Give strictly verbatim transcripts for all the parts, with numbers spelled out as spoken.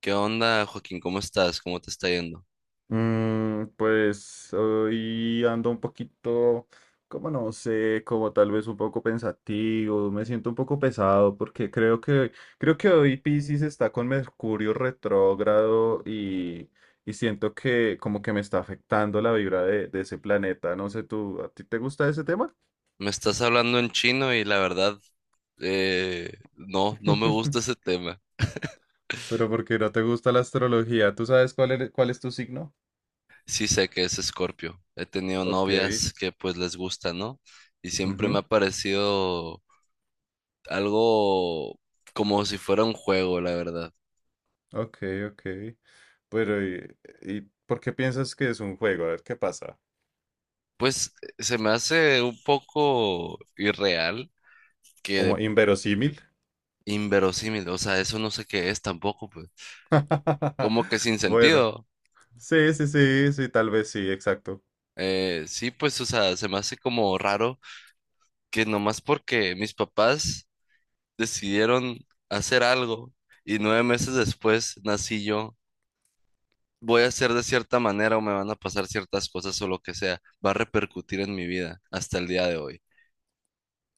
¿Qué onda, Joaquín? ¿Cómo estás? ¿Cómo te está yendo? Mm, pues hoy ando un poquito, como no sé, como tal vez un poco pensativo. Me siento un poco pesado porque creo que, creo que hoy Piscis está con Mercurio retrógrado y, y siento que como que me está afectando la vibra de, de ese planeta. No sé, ¿tú, a ti te gusta ese tema? Me estás hablando en chino y la verdad, eh, no, no me gusta ese tema. Pero porque no te gusta la astrología? ¿Tú sabes cuál eres- cuál es tu signo? Sí sé que es Escorpio. He tenido Ok. novias que pues les gusta, ¿no? Y siempre me ha Ujú. parecido algo como si fuera un juego, la verdad. Ok, ok. Pero ¿y, ¿y por qué piensas que es un juego? A ver qué pasa. Pues eh, se me hace un poco irreal que ¿Como de- inverosímil? inverosímil, o sea, eso no sé qué es tampoco, pues. Como que sin Bueno, sentido. sí, sí, sí, sí, tal vez sí, exacto. Eh, sí, pues, o sea, se me hace como raro que nomás porque mis papás decidieron hacer algo y nueve meses después nací yo, voy a ser de cierta manera o me van a pasar ciertas cosas o lo que sea, va a repercutir en mi vida hasta el día de hoy.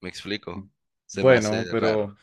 ¿Me explico? Se me Bueno, hace pero raro.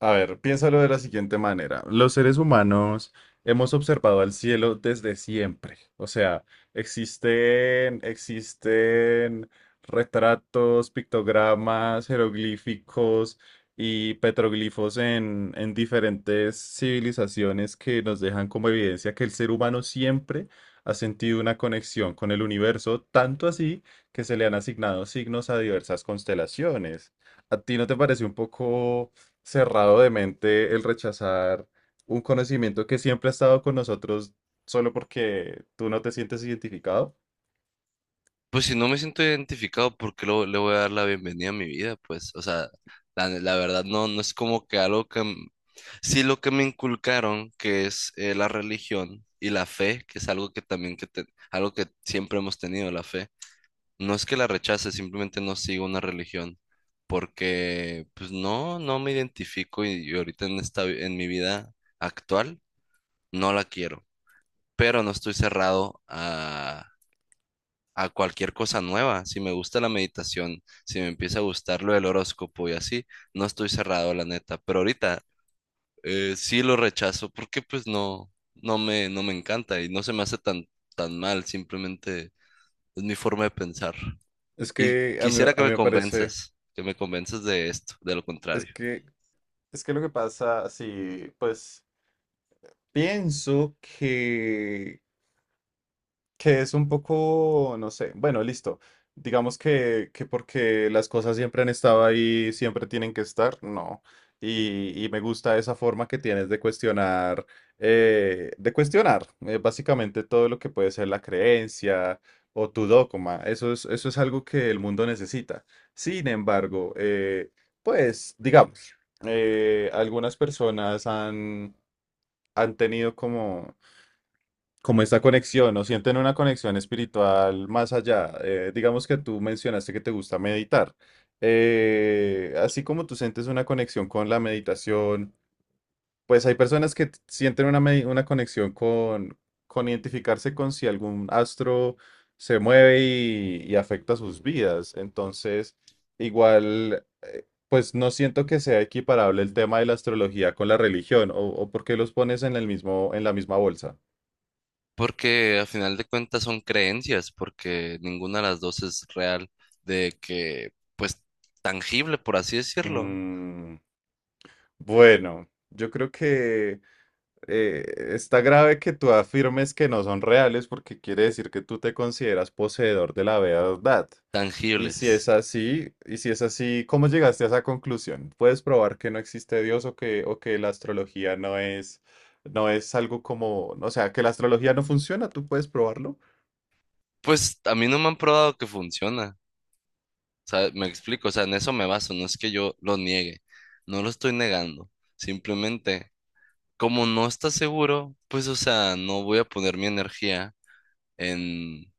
a ver, piénsalo de la siguiente manera. Los seres humanos hemos observado al cielo desde siempre. O sea, existen, existen retratos, pictogramas, jeroglíficos y petroglifos en en diferentes civilizaciones que nos dejan como evidencia que el ser humano siempre ha sentido una conexión con el universo, tanto así que se le han asignado signos a diversas constelaciones. ¿A ti no te parece un poco cerrado de mente el rechazar un conocimiento que siempre ha estado con nosotros solo porque tú no te sientes identificado? Pues si no me siento identificado, ¿por qué lo- le voy a dar la bienvenida a mi vida? Pues, o sea, la, la verdad no, no es como que algo que... m- Sí, lo que me inculcaron, que es eh, la religión y la fe, que es algo que también, que te- algo que siempre hemos tenido, la fe. No es que la rechace, simplemente no sigo una religión, porque pues no, no me identifico y, y ahorita en esta, vi- en mi vida actual no la quiero, pero no estoy cerrado a cualquier cosa nueva. Si me gusta la meditación, si me empieza a gustar lo del horóscopo y así, no estoy cerrado, la neta. Pero ahorita eh, sí lo rechazo porque pues no, no me, no me encanta y no se me hace tan, tan mal, simplemente es mi forma de pensar. Es Y que a mí, quisiera que a mí me me parece, convenzas, que me convenzas de esto, de lo es contrario. que, es que lo que pasa, si pues pienso que que es un poco, no sé, bueno, listo. Digamos que, que porque las cosas siempre han estado ahí, siempre tienen que estar, no. Y, y me gusta esa forma que tienes de cuestionar, eh, de cuestionar eh, básicamente todo lo que puede ser la creencia o tu dogma. Eso es, eso es algo que el mundo necesita. Sin embargo, eh, pues, digamos, eh, algunas personas han, han tenido como como esta conexión. ¿O sienten una conexión espiritual más allá? Eh, digamos que tú mencionaste que te gusta meditar. Eh, así como tú sientes una conexión con la meditación, pues hay personas que t- sienten una, medi- una conexión con, con identificarse con si algún astro se mueve y, y afecta sus vidas. Entonces, igual, eh, pues no siento que sea equiparable el tema de la astrología con la religión, o, o por qué los pones en el mismo, en la misma bolsa. Porque a final de cuentas son creencias, porque ninguna de las dos es real, de que, pues, tangible, por así decirlo, Mm. Bueno, yo creo que eh, está grave que tú afirmes que no son reales, porque quiere decir que tú te consideras poseedor de la verdad. Y si tangibles. Es así, y si es así, ¿cómo llegaste a esa conclusión? ¿Puedes probar que no existe Dios, o que, o que la astrología no es, no es algo como, o sea, que la astrología no funciona? ¿Tú puedes probarlo? Pues a mí no me han probado que funciona. O sea, me explico, o sea, en eso me baso, no es que yo lo niegue, no lo estoy negando. Simplemente, como no está seguro, pues, o sea, no voy a poner mi energía en,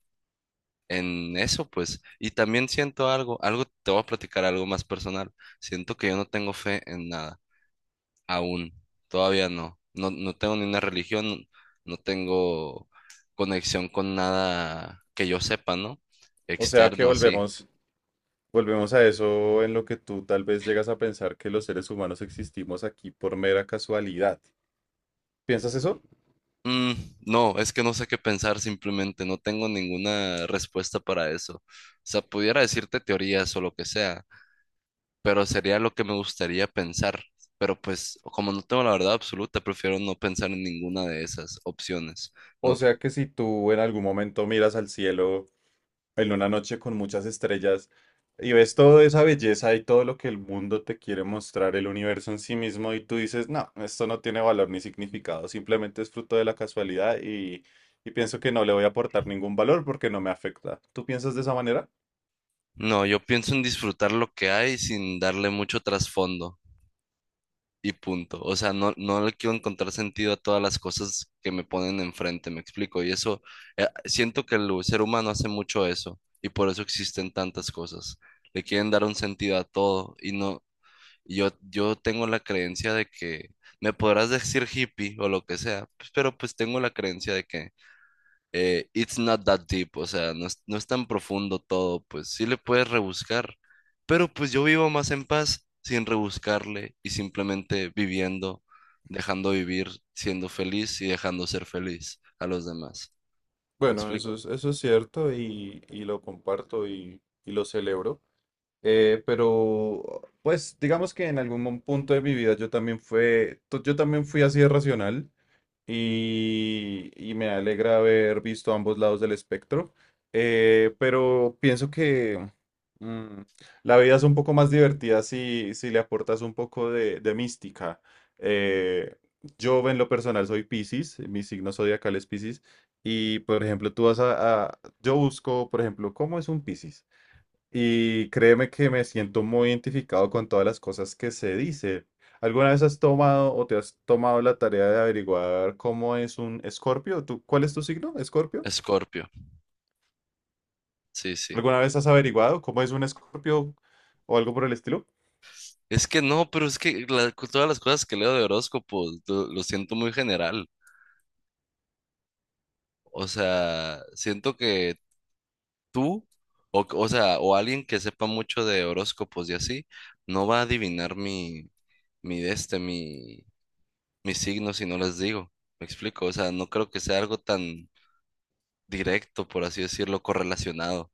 en eso, pues. Y también siento algo, algo, te voy a platicar algo más personal. Siento que yo no tengo fe en nada, aún, todavía no. No, no tengo ni una religión, no tengo conexión con nada que yo sepa, ¿no? O sea, que Externo, así. volvemos, volvemos a eso en lo que tú tal vez llegas a pensar que los seres humanos existimos aquí por mera casualidad. ¿Piensas eso? Mm, no, es que no sé qué pensar simplemente, no tengo ninguna respuesta para eso. O sea, pudiera decirte teorías o lo que sea, pero sería lo que me gustaría pensar. Pero pues, como no tengo la verdad absoluta, prefiero no pensar en ninguna de esas opciones. O No, sea que si tú en algún momento miras al cielo en una noche con muchas estrellas y ves toda esa belleza y todo lo que el mundo te quiere mostrar, el universo en sí mismo, y tú dices, no, esto no tiene valor ni significado, simplemente es fruto de la casualidad y, y pienso que no le voy a aportar ningún valor porque no me afecta. ¿Tú piensas de esa manera? no, yo pienso en disfrutar lo que hay sin darle mucho trasfondo. Y punto. O sea, no, no le quiero encontrar sentido a todas las cosas que me ponen enfrente, me explico. Y eso, eh, siento que el ser humano hace mucho eso y por eso existen tantas cosas. Le quieren dar un sentido a todo y no, y yo, yo tengo la creencia de que me podrás decir hippie o lo que sea, pues, pero pues tengo la creencia de que eh, it's not that deep, o sea, no es, no es tan profundo todo, pues sí le puedes rebuscar, pero pues yo vivo más en paz sin rebuscarle y simplemente viviendo, dejando vivir, siendo feliz y dejando ser feliz a los demás. ¿Me Bueno, eso explico? es, eso es cierto y, y lo comparto y, y lo celebro. Eh, pero, pues, digamos que en algún mom- punto de mi vida yo también fue, to- yo también fui así de racional y, y me alegra haber visto ambos lados del espectro. Eh, pero pienso que mm, la vida es un poco más divertida si, si le aportas un poco de, de mística. Eh, yo en lo personal soy Piscis, mi signo zodiacal es Piscis y, por ejemplo, tú vas a, a- yo busco, por ejemplo, ¿cómo es un Piscis? Y créeme que me siento muy identificado con todas las cosas que se dicen. ¿Alguna vez has tomado o te has tomado la tarea de averiguar cómo es un escorpio? ¿Tú, cuál es tu signo, escorpio? Escorpio, sí, sí. ¿Alguna vez has averiguado cómo es un escorpio o algo por el estilo? Es que no, pero es que la- todas las cosas que leo de horóscopos lo, lo siento muy general. O sea, siento que tú, o, o sea, o alguien que sepa mucho de horóscopos y así, no va a adivinar mi, mi de este, mi, mi signo si no les digo. ¿Me explico? O sea, no creo que sea algo tan directo, por así decirlo, correlacionado.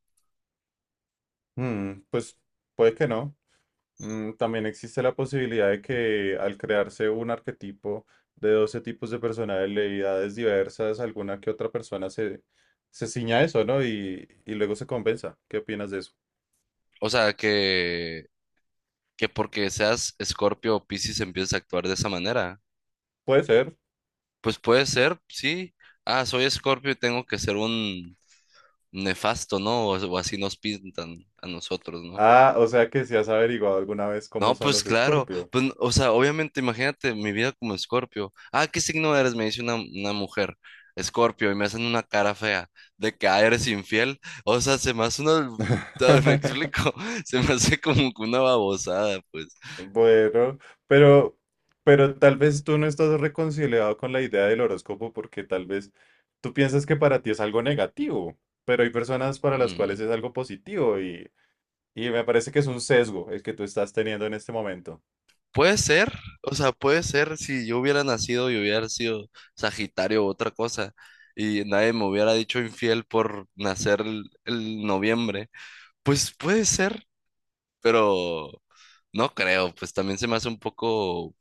Mm, pues puede que no. Mm, también existe la posibilidad de que al crearse un arquetipo de doce tipos de personalidades diversas, alguna que otra persona se, se ciña a eso, ¿no? Y, y luego se compensa. ¿Qué opinas de eso? O sea, que, que porque seas Escorpio o Piscis empieces a actuar de esa manera. Puede ser. Pues puede ser, sí. Ah, soy Escorpio y tengo que ser un nefasto, ¿no? O, o así nos pintan a nosotros, ¿no? Ah, o sea que si has averiguado alguna vez cómo No, son pues los claro, Escorpio. pues, o sea, obviamente, imagínate mi vida como Escorpio. Ah, ¿qué signo eres? Me dice una, una mujer, Escorpio, y me hacen una cara fea de que, ah, eres infiel. O sea, se me hace una, ¿me explico? Se me hace como que una babosada, pues. Bueno, pero, pero tal vez tú no estás reconciliado con la idea del horóscopo, porque tal vez tú piensas que para ti es algo negativo, pero hay personas para las Mm, cuales es algo positivo y, y me parece que es un sesgo el que tú estás teniendo en este momento. puede ser, o sea, puede ser si yo hubiera nacido y hubiera sido Sagitario u otra cosa y nadie me hubiera dicho infiel por nacer el, el noviembre, pues puede ser, pero no creo, pues también se me hace un poco,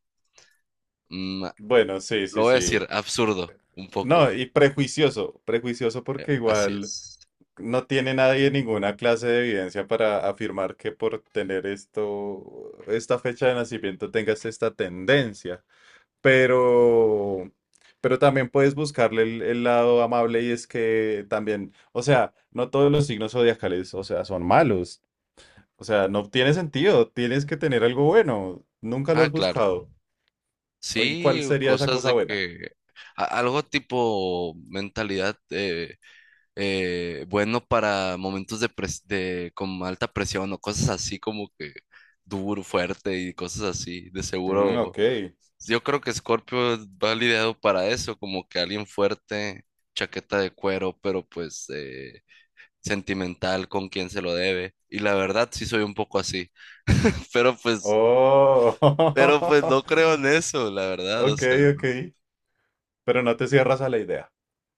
mm, Bueno, sí, lo sí, voy a decir, sí. absurdo, un poco. No, y prejuicioso, prejuicioso Eh, porque Así igual... es. No tiene nadie ninguna clase de evidencia para afirmar que por tener esto, esta fecha de nacimiento tengas esta tendencia. Pero, pero también puedes buscarle el, el lado amable. Y es que también, o sea, no todos los signos zodiacales, o sea, son malos. O sea, no tiene sentido. Tienes que tener algo bueno. Nunca lo Ah, has claro. buscado. ¿Y cuál Sí, sería esa cosas cosa de buena? que a- algo tipo mentalidad eh, eh, bueno para momentos de, pres- de con alta presión o cosas así como que duro, fuerte y cosas así. De Mm, seguro, ok. yo creo que Scorpio va lidiado para eso, como que alguien fuerte, chaqueta de cuero, pero pues eh, sentimental con quien se lo debe. Y la verdad, sí soy un poco así. Pero pues, Oh. pero pues no creo en eso, la verdad. O Ok, sea, ok. no, Pero no te cierras a la idea.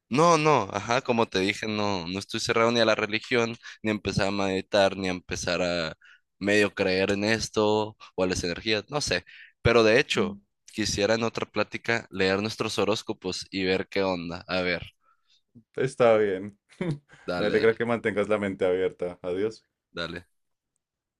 no, no, ajá, como te dije, no, no estoy cerrado ni a la religión, ni a empezar a meditar, ni a empezar a medio creer en esto o a las energías, no sé. Pero de hecho, quisiera en otra plática leer nuestros horóscopos y ver qué onda. A ver, Está bien. Me dale, alegra dale, que mantengas la mente abierta. Adiós. dale.